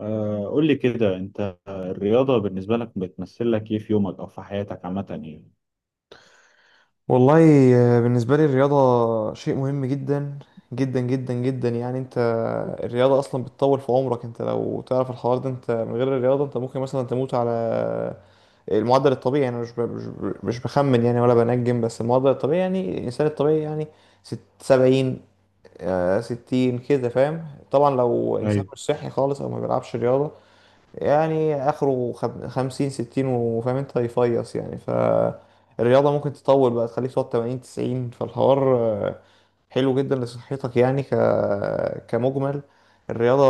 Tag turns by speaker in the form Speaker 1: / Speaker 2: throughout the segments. Speaker 1: قول لي كده، انت الرياضة بالنسبة لك بتمثل لك ايه في يومك او في حياتك عامة، يعني؟
Speaker 2: والله. بالنسبة لي الرياضة شيء مهم جدا جدا جدا جدا يعني انت. الرياضة اصلا بتطول في عمرك، انت لو تعرف الحوار ده. انت من غير الرياضة انت ممكن مثلا تموت على المعدل الطبيعي، يعني مش بخمن يعني ولا بنجم، بس المعدل الطبيعي يعني الانسان الطبيعي يعني ست سبعين، ستين كده فاهم. طبعا لو انسان
Speaker 1: ايوه،
Speaker 2: مش صحي خالص او ما بيلعبش رياضة يعني اخره خمسين ستين، وفاهم انت يفيص يعني. فالرياضة ممكن تطول بقى تخليك تقعد تمانين تسعين. فالحوار حلو جدا لصحتك، يعني كمجمل الرياضة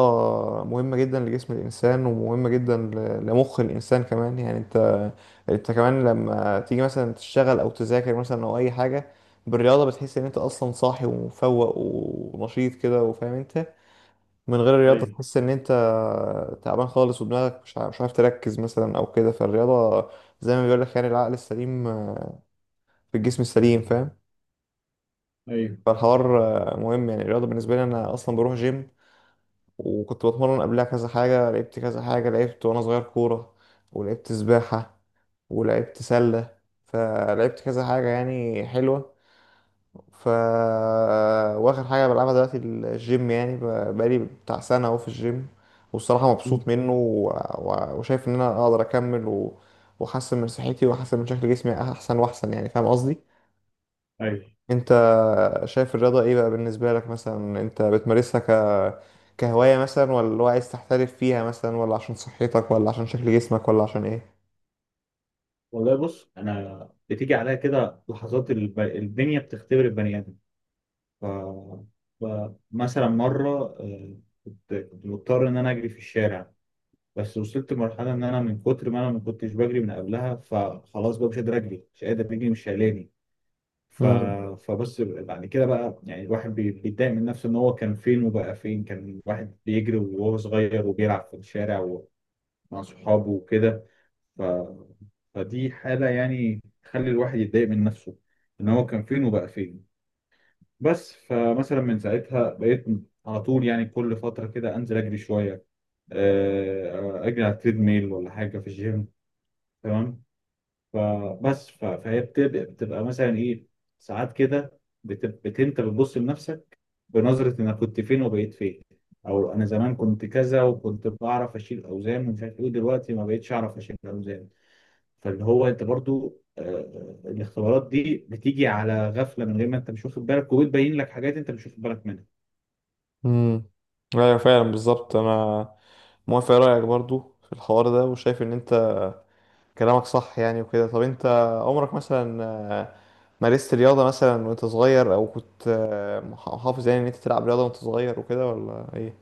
Speaker 2: مهمة جدا لجسم الإنسان، ومهمة جدا لمخ الإنسان كمان، يعني أنت أنت كمان لما تيجي مثلا تشتغل أو تذاكر مثلا أو أي حاجة بالرياضة بتحس إن أنت أصلا صاحي ومفوق ونشيط كده، وفاهم أنت. من غير الرياضة
Speaker 1: ايوه،
Speaker 2: تحس إن أنت تعبان خالص، ودماغك مش عارف تركز مثلا أو كده. فالرياضة زي ما بيقولك، يعني العقل السليم في الجسم السليم، فاهم.
Speaker 1: ايوه.
Speaker 2: فالحوار مهم يعني. الرياضة بالنسبة لي، أنا أصلا بروح جيم، وكنت بتمرن قبلها كذا حاجة. لعبت كذا حاجة، لعبت وأنا صغير كورة، ولعبت سباحة، ولعبت سلة، فلعبت كذا حاجة يعني حلوة. ف واخر حاجه بلعبها دلوقتي الجيم، يعني بقالي بتاع سنه اهو في الجيم. والصراحه
Speaker 1: مم.
Speaker 2: مبسوط منه، وشايف ان انا اقدر اكمل، واحسن من صحتي واحسن من شكل جسمي، احسن واحسن يعني فاهم قصدي.
Speaker 1: ايوه،
Speaker 2: انت شايف الرياضه ايه بقى بالنسبه لك؟ مثلا انت بتمارسها كهوايه مثلا، ولا اللي هو عايز تحترف فيها مثلا، ولا عشان صحتك، ولا عشان شكل جسمك، ولا عشان ايه؟
Speaker 1: والله بص، انا بتيجي عليا كده لحظات الدنيا بتختبر البني ادم. ف... مثلا مره، آه، كنت مضطر ان انا اجري في الشارع. بس وصلت لمرحله ان انا من كتر ما انا ما كنتش بجري من قبلها، فخلاص بقى مش قادر اجري، مش قادر اجري، مش شايلاني. ف...
Speaker 2: امم
Speaker 1: فبص، بعد كده بقى يعني الواحد بيتضايق من نفسه، ان هو كان فين وبقى فين. كان واحد بيجري وهو صغير وبيلعب في الشارع ومع صحابه وكده. ف... فدي حالة يعني تخلي الواحد يتضايق من نفسه، ان هو كان فين وبقى فين. بس فمثلا من ساعتها بقيت على طول، يعني كل فترة كده انزل اجري شوية، اجري على التريد ميل ولا حاجة في الجيم، تمام. فبس فهي بتبقى مثلا ايه ساعات كده، انت بتبص لنفسك بنظرة، انا كنت فين وبقيت فين. او انا زمان كنت كذا، وكنت بعرف اشيل اوزان ومش عارف ايه، دلوقتي ما بقيتش اعرف اشيل اوزان. فاللي هو انت برضو، الاختبارات دي بتيجي على غفلة، من غير ما انت مش واخد بالك، وبتبين لك حاجات انت مش واخد بالك منها.
Speaker 2: امم ايوه فعلا بالظبط. انا موافق رايك برضو في الحوار ده، وشايف ان انت كلامك صح يعني وكده. طب انت عمرك مثلا، آه، مارست رياضة مثلا وانت صغير، او كنت محافظ يعني ان انت تلعب رياضة وانت صغير وكده، ولا ايه؟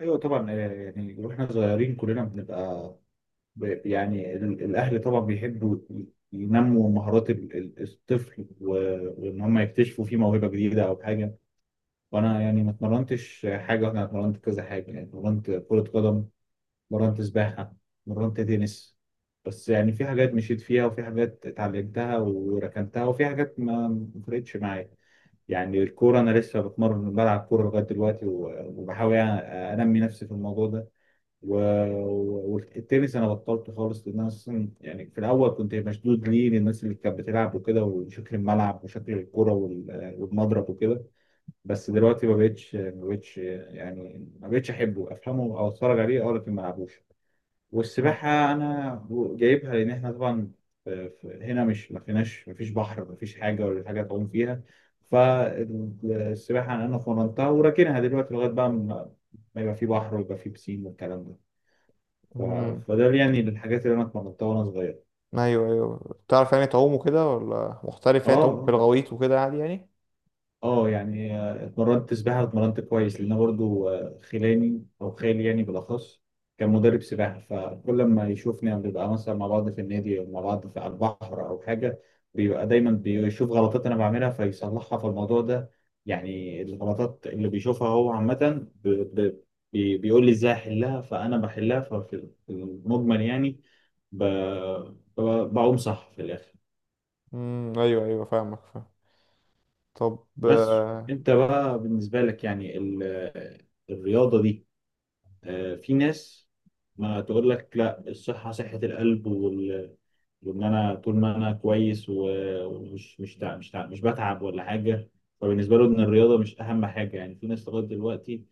Speaker 1: ايوه طبعا. يعني واحنا صغيرين كلنا بنبقى، يعني الأهل طبعا بيحبوا ينموا مهارات الطفل وإن هم يكتشفوا فيه موهبة جديدة أو حاجة. وأنا يعني ما اتمرنتش حاجة، وأنا اتمرنت كذا حاجة يعني، اتمرنت كرة قدم، اتمرنت سباحة، اتمرنت تنس. بس يعني في حاجات مشيت فيها، وفي حاجات اتعلمتها وركنتها، وفي حاجات ما فرقتش معايا. يعني الكورة، أنا لسه بتمرن بلعب كورة لغاية دلوقتي، وبحاول يعني أنمي نفسي في الموضوع ده. و... والتنس انا بطلته خالص، لان انا اصلا يعني في الاول كنت مشدود ليه للناس اللي كانت بتلعب وكده، وشكل الملعب وشكل الكرة والمضرب وكده. بس دلوقتي ما بقتش يعني ما بقتش احبه افهمه او اتفرج عليه، او لكن ما العبوش.
Speaker 2: مم.
Speaker 1: والسباحة انا جايبها، لان احنا طبعا هنا، مش ما فيش بحر، ما فيش حاجة ولا حاجة تعوم فيها. فالسباحة انا فرنتها وراكنها دلوقتي، لغاية بقى ما يبقى في بحر ويبقى في بسين والكلام ده. ف-
Speaker 2: امم
Speaker 1: فده يعني الحاجات اللي انا اتمرنتها وانا صغير.
Speaker 2: ايوه بتعرف يعني تعوم وكده، ولا محترف
Speaker 1: اه،
Speaker 2: يعني تعوم في
Speaker 1: اه،
Speaker 2: الغويط وكده عادي يعني؟
Speaker 1: اه. يعني اتمرنت سباحه، اتمرنت كويس، لان أنا برضو، خلاني او خالي يعني بالاخص كان مدرب سباحه، فكل ما يشوفني بنبقى مثلا مع بعض في النادي او مع بعض في على البحر او حاجه، بيبقى دايما بيشوف غلطات انا بعملها فيصلحها في الموضوع ده. يعني الغلطات اللي بيشوفها هو عامه، ب- بيقول لي ازاي احلها، فانا بحلها. ففي المجمل يعني ب- بقوم صح في الاخر.
Speaker 2: ايوه فاهمك فاهم. طب
Speaker 1: بس انت بقى بالنسبة لك، يعني الرياضة دي، في ناس ما تقول لك لا، الصحة صحة القلب وان انا طول ما انا كويس، ومش مش بتعب ولا حاجة، فبالنسبة له ان الرياضة مش اهم حاجة. يعني في ناس لغاية دلوقتي،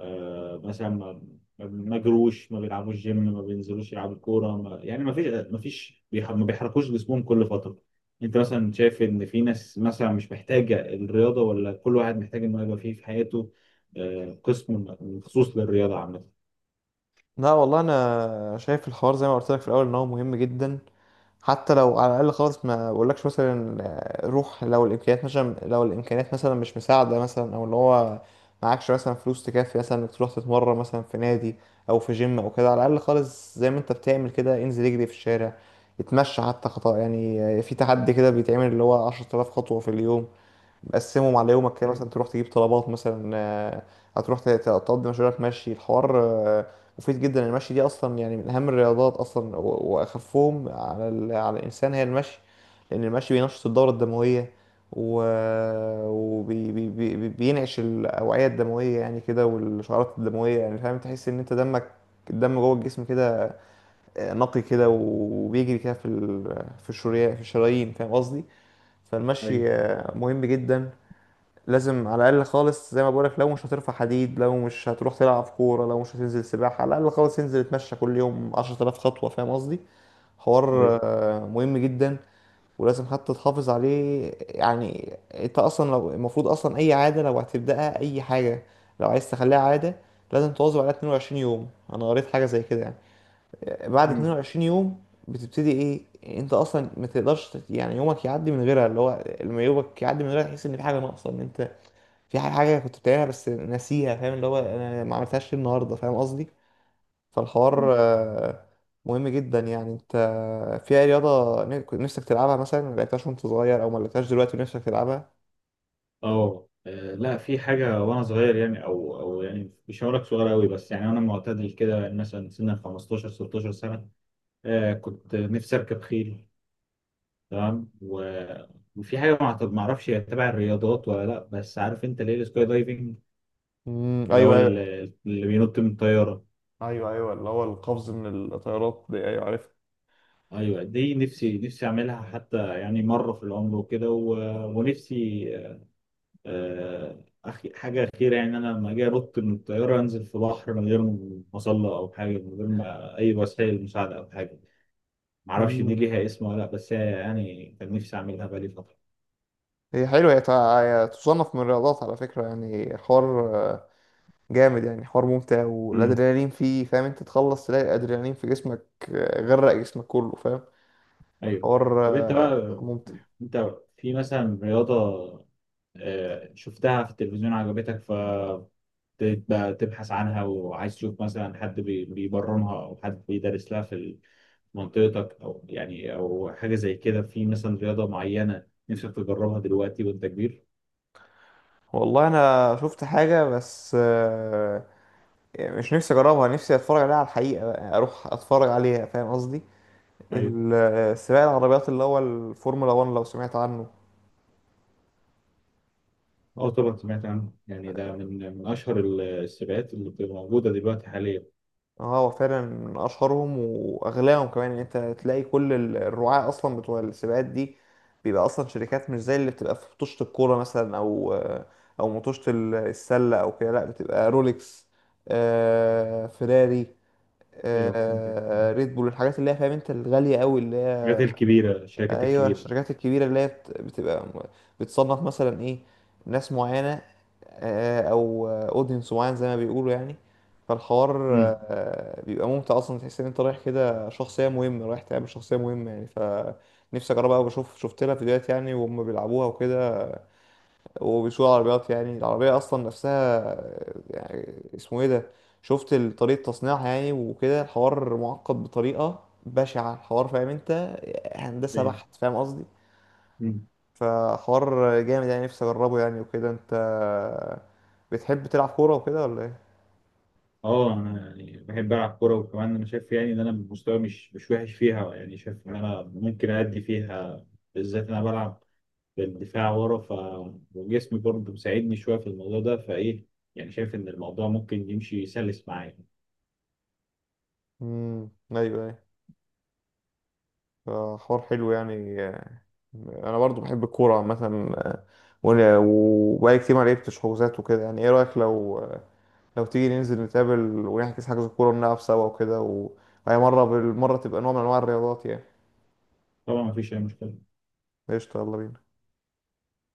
Speaker 1: مثلا ما جروش، ما بيلعبوش جيم، ما بينزلوش يلعبوا كورة، ما... يعني ما فيش ما بيحركوش جسمهم كل فترة. انت مثلا شايف ان في ناس مثلا مش محتاجة الرياضة، ولا كل واحد محتاج انه يبقى فيه في حياته قسم مخصوص للرياضة عامة؟
Speaker 2: لا والله، انا شايف الحوار زي ما قلت لك في الاول، ان هو مهم جدا. حتى لو على الاقل خالص، ما بقولكش مثلا روح. لو الامكانيات مثلا، لو الامكانيات مثلا مش مساعده مثلا، او اللي هو معكش مثلا فلوس تكفي مثلا انك تروح تتمرن مثلا في نادي او في جيم او كده، على الاقل خالص زي ما انت بتعمل كده انزل اجري في الشارع، اتمشى حتى خطأ يعني. في تحدي كده بيتعمل اللي هو 10,000 خطوه في اليوم، مقسمهم على يومك كده. مثلا
Speaker 1: ايوه،
Speaker 2: تروح تجيب طلبات مثلا، هتروح تقضي مشوارك مشي. الحوار مفيد جدا. المشي دي اصلا يعني من اهم الرياضات اصلا، واخفهم على على الانسان هي المشي، لان المشي بينشط الدوره الدمويه، وبينعش الاوعيه الدمويه يعني كده، والشعيرات الدمويه يعني فاهم. تحس ان انت دمك، الدم جوه الجسم كده نقي كده، وبيجري كده في الشريان، في الشرايين فاهم قصدي.
Speaker 1: ايوه،
Speaker 2: فالمشي مهم جدا. لازم على الاقل خالص زي ما بقولك، لو مش هترفع حديد، لو مش هتروح تلعب كوره، لو مش هتنزل سباحه، على الاقل خالص انزل اتمشى كل يوم 10,000 خطوه فاهم قصدي.
Speaker 1: ايوه.
Speaker 2: حوار مهم جدا، ولازم حتى تحافظ عليه يعني. انت اصلا لو المفروض اصلا اي عاده لو هتبداها، اي حاجه لو عايز تخليها عاده، لازم تواظب عليها 22 يوم. انا قريت حاجه زي كده يعني، بعد
Speaker 1: مم.
Speaker 2: 22 يوم بتبتدي ايه. انت اصلا ما تقدرش يعني يومك يعدي من غيرها، اللي هو لما يومك يعدي من غيرها تحس ان في حاجه ناقصه، ان انت في حاجة كنت بتعملها بس ناسيها فاهم. اللي هو انا ما عملتهاش ليه النهاردة فاهم قصدي. فالحوار مهم جدا يعني. انت في اي رياضة كنت نفسك تلعبها مثلا ما لعبتهاش وانت صغير، او ما لعبتهاش دلوقتي ونفسك تلعبها؟
Speaker 1: اه. لا، في حاجه وانا صغير يعني، او يعني مش هقول لك صغير قوي، بس يعني انا معتدل كده يعني مثلا سن 15 16 سنه. آه كنت نفسي اركب خيل، تمام. وفي حاجه ما اعرفش هي تبع الرياضات ولا لا، بس عارف انت ليه السكاي دايفنج؟ اللي هو
Speaker 2: ايوه ايوه
Speaker 1: اللي بينط من الطياره.
Speaker 2: ايوه اللي هو القفز من الطيارات دي، ايوه عارف.
Speaker 1: ايوه دي نفسي نفسي اعملها، حتى يعني مره في العمر وكده، ونفسي حاجة أخيرة، يعني أنا لما أجي أنط من الطيارة أنزل في بحر، من غير مظلة أو حاجة، من غير ما أي وسائل مساعدة أو حاجة. معرفش دي
Speaker 2: مم.
Speaker 1: ليها اسم ولا لأ، بس هي يعني كان نفسي أعملها بقالي فترة.
Speaker 2: هي حلوة، هي هي تصنف من الرياضات على فكرة، يعني حوار جامد يعني، حوار ممتع
Speaker 1: امم.
Speaker 2: والأدرينالين فيه فاهم. انت تخلص تلاقي الأدرينالين في جسمك غرق جسمك كله فاهم.
Speaker 1: أيوه.
Speaker 2: حوار
Speaker 1: طب أنت بقى،
Speaker 2: ممتع.
Speaker 1: أنت في مثلا رياضة شفتها في التلفزيون عجبتك، تبقى تبحث عنها وعايز تشوف مثلا حد بيبرمها او حد بيدرس لها في منطقتك، او يعني او حاجه زي كده، في مثلا رياضه معينه نفسك تجربها دلوقتي وانت كبير؟
Speaker 2: والله انا شفت حاجه، بس مش نفسي اجربها، نفسي اتفرج عليها على الحقيقه بقى، اروح اتفرج عليها فاهم قصدي.
Speaker 1: ايوه.
Speaker 2: سباق العربيات اللي هو الفورمولا 1، لو سمعت عنه.
Speaker 1: اه طبعا سمعت عنه، يعني ده من اشهر السباقات اللي بتبقى موجوده دلوقتي حاليا.
Speaker 2: اه هو فعلا من اشهرهم واغلاهم كمان، ان انت تلاقي كل الرعاة اصلا بتوع السباقات دي بيبقى اصلا شركات، مش زي اللي بتبقى في مطوشه الكوره مثلا، او او مطوشه السله او كده. لا بتبقى رولكس، فيراري،
Speaker 1: ايوه فهمتك،
Speaker 2: ريد بول، الحاجات اللي هي فاهم انت الغالية قوي اللي هي.
Speaker 1: الحاجات الكبيره، الشركات
Speaker 2: ايوه،
Speaker 1: الكبيره.
Speaker 2: الشركات الكبيرة اللي هي بتبقى بتصنف مثلا ايه، ناس معينة، او اودينس معين زي ما بيقولوا يعني. فالحوار
Speaker 1: امم.
Speaker 2: بيبقى ممتع اصلا، تحس ان انت رايح كده شخصية مهمة، رايح تقابل شخصية مهمة يعني. فنفسي اجربها قوي. بشوف، شفت لها فيديوهات يعني وهم بيلعبوها وكده، وبيسوق العربيات، يعني العربية أصلا نفسها يعني اسمه إيه ده. شفت طريقة تصنيعها يعني وكده، الحوار معقد بطريقة بشعة الحوار فاهم أنت، هندسة
Speaker 1: ايوه.
Speaker 2: بحت فاهم قصدي.
Speaker 1: مم.
Speaker 2: فحوار جامد يعني، نفسي أجربه يعني وكده. أنت بتحب تلعب كورة وكده ولا إيه؟
Speaker 1: اه انا يعني بحب العب كوره، وكمان انا شايف يعني ان انا مستواي مش وحش فيها، يعني شايف ان انا ممكن ادي فيها. بالذات انا بلعب بالدفاع ورا، وجسمي برضه مساعدني شويه في الموضوع ده، فايه يعني شايف ان الموضوع ممكن يمشي سلس معايا.
Speaker 2: أيوه أيوه، فحوار حلو يعني. أنا برضو بحب الكورة عامة، وبقالي كتير ما لعبتش حجوزات وكده يعني. إيه رأيك لو، لو تيجي ننزل نتقابل ونحجز حجز كورة ونلعب سوا وكده، وهي مرة بالمرة تبقى نوع من أنواع الرياضات يعني.
Speaker 1: طبعا مفيش اي مشكله.
Speaker 2: قشطة يلا بينا.